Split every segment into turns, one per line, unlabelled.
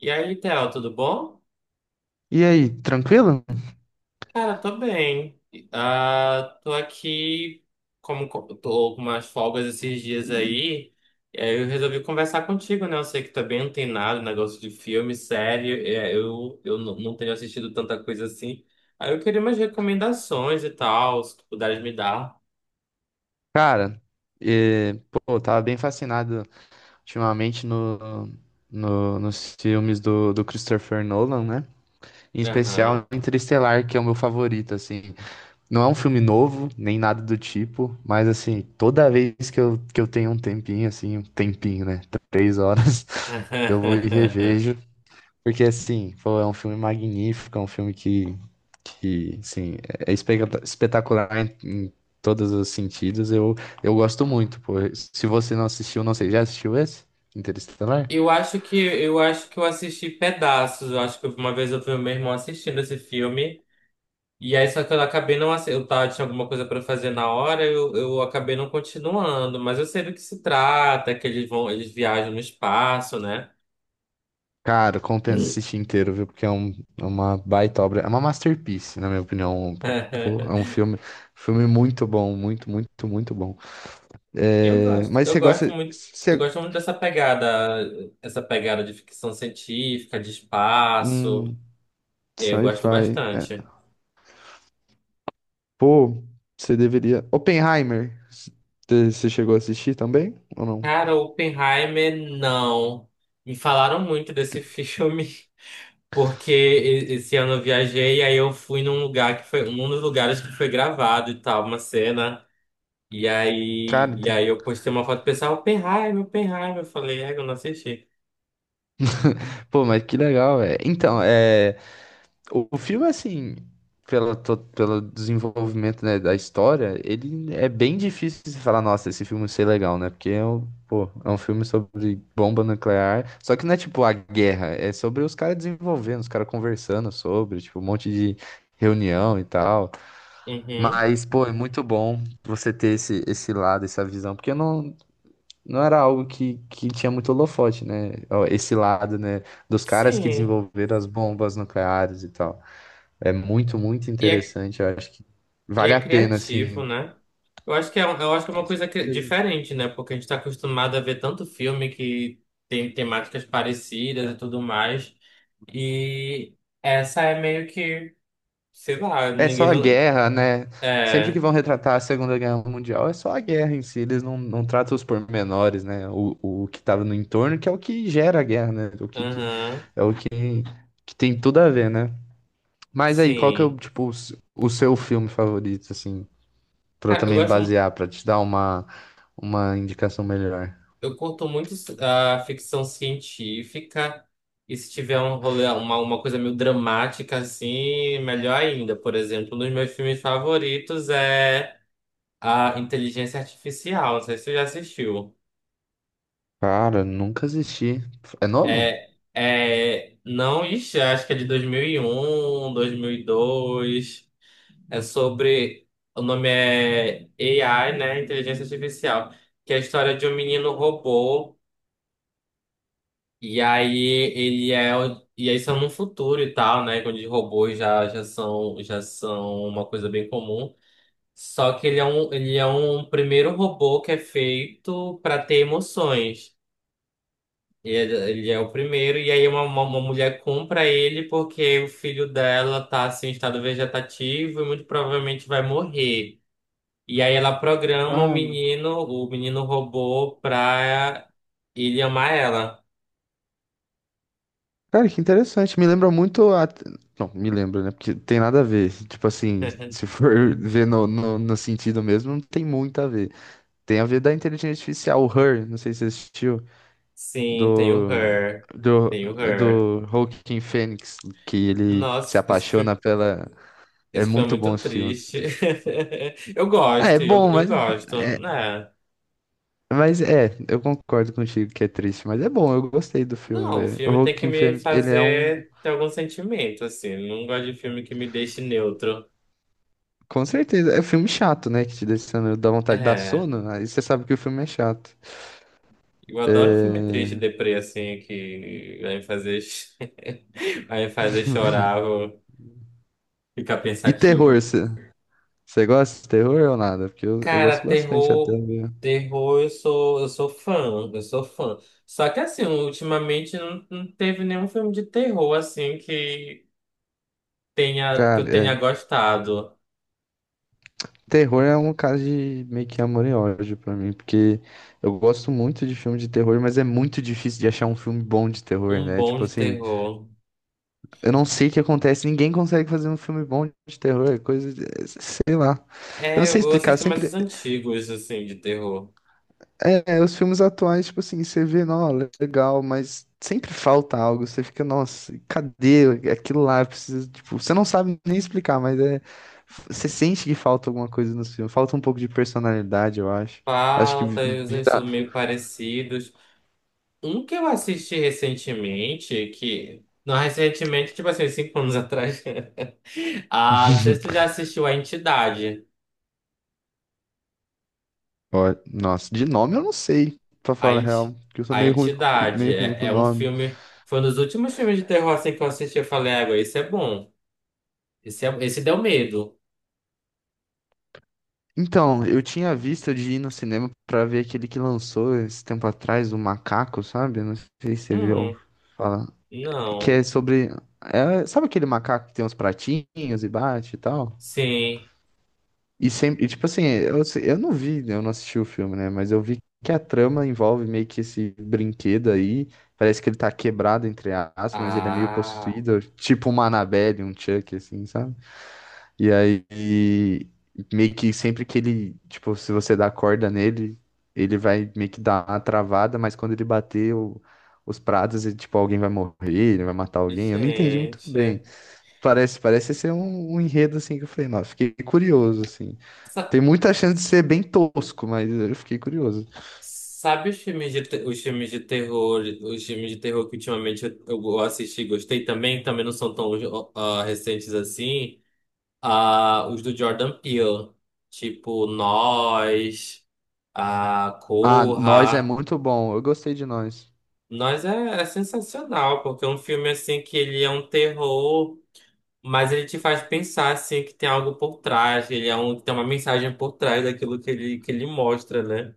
E aí, Theo, tudo bom?
E aí, tranquilo?
Cara, tô bem. Ah, tô aqui, tô com umas folgas esses dias aí, e aí eu resolvi conversar contigo, né? Eu sei que tá bem antenado, negócio de filme, série, não tenho assistido tanta coisa assim. Aí eu queria umas recomendações e tal, se tu puderes me dar.
Cara, pô, eu tava bem fascinado ultimamente nos filmes do Christopher Nolan, né? Em especial
Aham.
Interestelar, que é o meu favorito, assim. Não é um filme novo, nem nada do tipo, mas assim, toda vez que eu tenho um tempinho, assim, um tempinho, né? Três horas, eu vou e revejo. Porque, assim, pô, é um filme magnífico, é um filme que, é espetacular em todos os sentidos. Eu gosto muito, pô. Se você não assistiu, não sei, já assistiu esse? Interestelar?
Eu acho que eu assisti pedaços. Eu acho que uma vez eu vi o meu irmão assistindo esse filme. E aí, só que eu acabei não ace- eu tava, tinha alguma coisa pra fazer na hora, eu acabei não continuando, mas eu sei do que se trata, que eles vão, eles viajam no espaço, né?
Cara, compensa assistir inteiro, viu? Porque é um, é uma baita obra, é uma masterpiece, na minha opinião. Pô, é um filme muito bom, muito, muito, muito bom.
Eu
É,
gosto,
mas
eu
você
gosto
gosta...
muito, eu
Você,
gosto muito dessa pegada, essa pegada de ficção científica, de espaço.
hum,
Eu gosto
sci-fi... é,
bastante.
pô, você deveria. Oppenheimer, você chegou a assistir também ou não?
Cara, Oppenheimer, não. Me falaram muito desse filme. Porque esse ano eu viajei e aí eu fui num lugar que foi um dos lugares que foi gravado e tal, uma cena. E aí,
Cara,
e aí eu postei uma foto do pessoal, Oppenheimer. Eu falei, é, eu não assisti.
pô, mas que legal, velho. Então, é, o filme, assim, pela, pelo desenvolvimento, né, da história, ele é bem difícil de falar, nossa, esse filme ser legal, né? Porque é um, pô, é um filme sobre bomba nuclear, só que não é tipo a guerra, é sobre os caras desenvolvendo, os caras conversando sobre, tipo, um monte de reunião e tal.
Uhum.
Mas, pô, é muito bom você ter esse, esse lado, essa visão, porque não era algo que tinha muito holofote, né? Ó, esse lado, né, dos caras que
Sim.
desenvolveram as bombas nucleares e tal. É muito, muito
E é,
interessante, eu acho que
e
vale
é
a pena,
criativo,
assim.
né? Eu acho que é, eu acho que é
Com
uma coisa
certeza.
diferente, né? Porque a gente está acostumado a ver tanto filme que tem temáticas parecidas e tudo mais. E essa é meio que, sei lá,
É
ninguém
só a
não.
guerra, né? Sempre que
É.
vão retratar a Segunda Guerra Mundial, é só a guerra em si, eles não tratam os pormenores, né? O que estava no entorno, que é o que gera a guerra, né? O que
Aham.
é o que tem tudo a ver, né? Mas aí, qual que é o,
Sim.
tipo, o o seu filme favorito, assim, pra eu
Cara, eu
também
gosto,
basear, pra te dar uma indicação melhor?
eu curto muito a ficção científica. E se tiver um rolê, uma coisa meio dramática assim, melhor ainda. Por exemplo, um dos meus filmes favoritos é a Inteligência Artificial. Não sei se você já assistiu.
Cara, nunca assisti. É novo?
Não, ixi, acho que é de dois mil e um dois mil e dois. É sobre, o nome é AI, né? Inteligência Artificial. Que é a história de um menino robô. E aí E aí isso é num futuro e tal, né? Onde robôs já são uma coisa bem comum. Só que ele é um primeiro robô que é feito para ter emoções. E ele, ele é o primeiro, e aí uma mulher compra ele porque o filho dela tá assim, em estado vegetativo e muito provavelmente vai morrer. E aí ela programa
Ah,
o menino robô pra ele amar ela.
cara, que interessante. Me lembra muito a... Não, me lembra, né? Porque tem nada a ver. Tipo assim, se for ver no sentido mesmo, não tem muito a ver. Tem a ver da inteligência artificial, o Her, não sei se você assistiu,
Sim, tem o
do...
Her.
Do,
Tem o Her.
do Joaquin Phoenix, que ele se
Nossa,
apaixona pela. É
esse filme é
muito bom
muito
esse filme.
triste. Eu
Ah, é
gosto,
bom,
eu gosto, né?
mas é, eu concordo contigo que é triste, mas é bom, eu gostei do filme,
Não, o
velho. O
filme tem que
Joaquin
me
Phoenix, ele é um,
fazer ter algum sentimento, assim. Eu não gosto de filme que me deixe neutro.
com certeza, é um filme chato, né, que te deixa, dá vontade de dar
É,
sono, aí você sabe que o filme é chato.
eu adoro filme triste,
É...
deprê, assim, que vai me fazer, vai me fazer chorar, vou ficar
E terror,
pensativo.
você gosta de terror ou nada? Porque eu
Cara,
gosto bastante até,
terror,
viu?
terror, eu sou fã, eu sou fã. Só que assim, ultimamente não, não teve nenhum filme de terror assim que que eu
Cara, é,
tenha gostado.
terror é um caso de meio que amor e ódio pra mim, porque eu gosto muito de filme de terror, mas é muito difícil de achar um filme bom de terror,
Um
né?
bom
Tipo
de
assim...
terror.
Eu não sei o que acontece, ninguém consegue fazer um filme bom de terror, é coisa, é, sei lá. Eu não
É,
sei
eu
explicar,
assisto mais os
sempre
antigos, assim, de terror.
os filmes atuais, tipo assim, você vê, não, legal, mas sempre falta algo, você fica, nossa, cadê aquilo lá? Eu preciso, tipo, você não sabe nem explicar, mas é você sente que falta alguma coisa nos filmes, falta um pouco de personalidade, eu acho. Acho que
Falta, eles são
virar,
meio parecidos. Um que eu assisti recentemente, que. Não, recentemente, tipo assim, cinco anos atrás. Ah, não sei se tu já assistiu A Entidade.
ó, nossa, de nome eu não sei, pra
A,
falar a real,
Enti-
porque eu sou
a
meio ruim,
Entidade
meio ruim
é,
com
é um
nome.
filme. Foi um dos últimos filmes de terror assim, que eu assisti. Eu falei, água, esse é bom. Esse, é, esse deu medo.
Então, eu tinha visto de ir no cinema pra ver aquele que lançou esse tempo atrás, o Macaco, sabe? Não sei se você viu
Hum,
falar. Que é
não.
sobre. É, sabe aquele macaco que tem uns pratinhos e bate e tal?
Sim.
E sempre. E, tipo assim, eu, eu não vi, né, eu não assisti o filme, né? Mas eu vi que a trama envolve meio que esse brinquedo aí. Parece que ele tá quebrado, entre aspas, mas ele é meio
Ah,
possuído, tipo uma Annabelle, um Chuck, assim, sabe? E aí, meio que sempre que ele, tipo, se você dá corda nele, ele vai meio que dar uma travada, mas quando ele bater os pratos, ele, tipo, alguém vai morrer, ele vai matar alguém. Eu não entendi muito bem.
gente.
Parece ser um, um enredo, assim, que eu falei, nossa, fiquei curioso, assim. Tem
Sa-
muita chance de ser bem tosco, mas eu fiquei curioso.
sabe os filmes de, os filmes de terror, os filmes de terror que ultimamente eu assisti e gostei também, que também não são tão ah, recentes assim. Ah, os do Jordan Peele. Tipo, Nós, a
Ah, Nós é
Corra.
muito bom. Eu gostei de Nós.
Nós é, é sensacional, porque é um filme assim que ele é um terror, mas ele te faz pensar assim que tem algo por trás, que ele é um, tem uma mensagem por trás daquilo que ele mostra, né?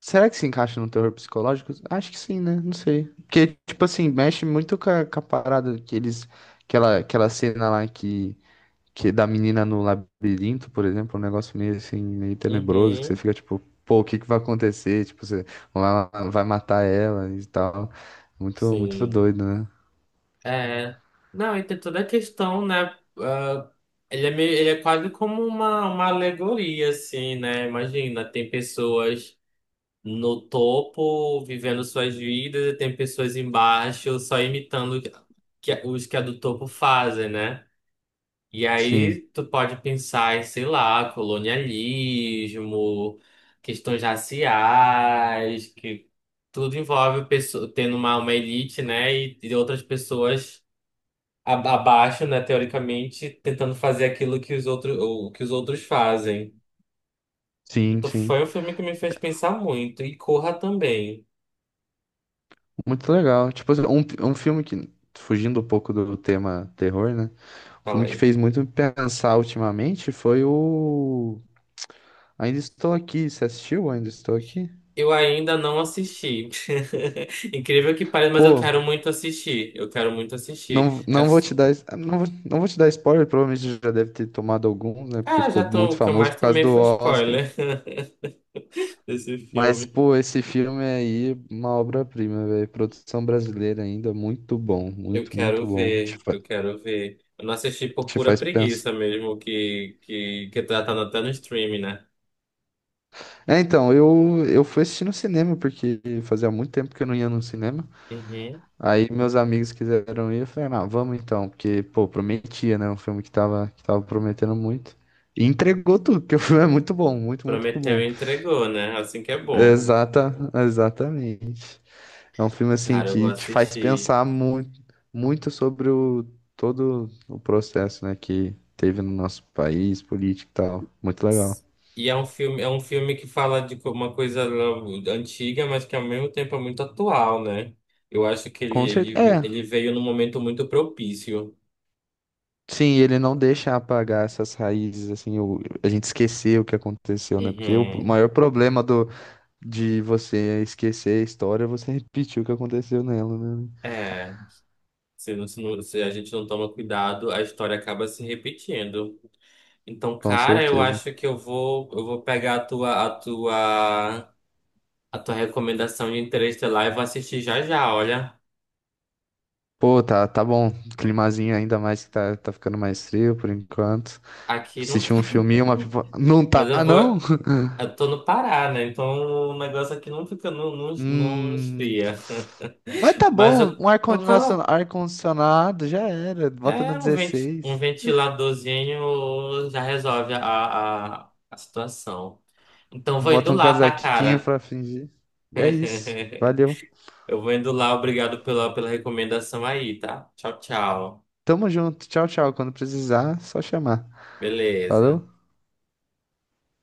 Será que se encaixa no terror psicológico? Acho que sim, né? Não sei. Porque, tipo assim, mexe muito com a parada que eles. Aquela cena lá que da menina no labirinto, por exemplo, um negócio meio assim, meio tenebroso, que você
Uhum,
fica tipo, pô, o que que vai acontecer? Tipo, você lá vai matar ela e tal. Muito, muito
sim.
doido, né?
É. Não, e tem toda a questão, né? Ah, ele é meio, ele é quase como uma alegoria, assim, né? Imagina, tem pessoas no topo vivendo suas vidas e tem pessoas embaixo só imitando o que, que os que a do topo fazem, né? E
Sim,
aí tu pode pensar em, sei lá, colonialismo, questões raciais, que tudo envolve pessoa, tendo uma elite, né, e outras pessoas abaixo, né, teoricamente, tentando fazer aquilo que os outros, o que os outros fazem.
sim,
Então
sim.
foi um filme que me fez pensar muito. E Corra também,
Muito legal. Tipo, assim, um filme que, fugindo um pouco do tema terror, né? O
fala
filme que
aí.
fez muito me pensar ultimamente foi o Ainda estou aqui. Você assistiu? Ainda estou aqui?
Eu ainda não assisti. Incrível que pareça, mas eu
Pô,
quero muito assistir. Eu quero muito assistir.
não,
É.
não vou te dar, não, não vou te dar spoiler, provavelmente já deve ter tomado alguns, né? Porque
Cara, já
ficou
tô,
muito
o que eu
famoso
mais
por causa
tomei
do
foi
Oscar.
spoiler desse
Mas,
filme.
pô, esse filme aí, é uma obra-prima, velho. Produção brasileira ainda, muito bom,
Eu
muito, muito
quero
bom. Te,
ver, eu quero ver. Eu não assisti por
te
pura
faz pensar.
preguiça mesmo, que, que já tá até no streaming, né?
É, então, eu fui assistir no cinema, porque fazia muito tempo que eu não ia no cinema.
Uhum.
Aí meus amigos quiseram ir, eu falei, não, vamos então, porque, pô, prometia, né? Um filme que tava prometendo muito. E entregou tudo, porque o filme é muito bom, muito, muito
Prometeu
bom.
e entregou, né? Assim que é bom.
Exata, exatamente. É um filme, assim,
Cara, eu vou
que te faz
assistir.
pensar muito, muito sobre o, todo o processo, né, que teve no nosso país, político e tal. Muito legal.
E é um filme que fala de uma coisa antiga, mas que ao mesmo tempo é muito atual, né? Eu acho que
Com certeza. É.
ele veio num momento muito propício.
Sim, ele não deixa apagar essas raízes, assim, a gente esquecer o que aconteceu, né? Porque o
Uhum.
maior problema do, de você esquecer a história, você repetir o que aconteceu nela, né?
É. Se a gente não toma cuidado, a história acaba se repetindo. Então,
Com
cara, eu
certeza.
acho que eu vou pegar a tua recomendação de Interestelar e vou assistir já já. Olha,
Pô, tá, tá bom. Climazinho ainda mais que tá, tá ficando mais frio por enquanto.
aqui não
Assistir
tá.
um filminho, uma pipoca. Não tá,
Mas eu vou.
não?
Eu tô no Pará, né? Então o negócio aqui não fica, não
Hum.
esfria.
Mas tá
Mas eu,
bom, um
eu coloco.
ar-condicionado já era. Bota no
É um
16.
ventiladorzinho já resolve a situação. Então vou indo
Bota um
lá, tá,
casaquinho
cara?
pra fingir. É isso. Valeu.
Eu vou indo lá, obrigado pela, pela recomendação aí, tá? Tchau, tchau.
Tamo junto. Tchau, tchau. Quando precisar, só chamar.
Beleza.
Falou?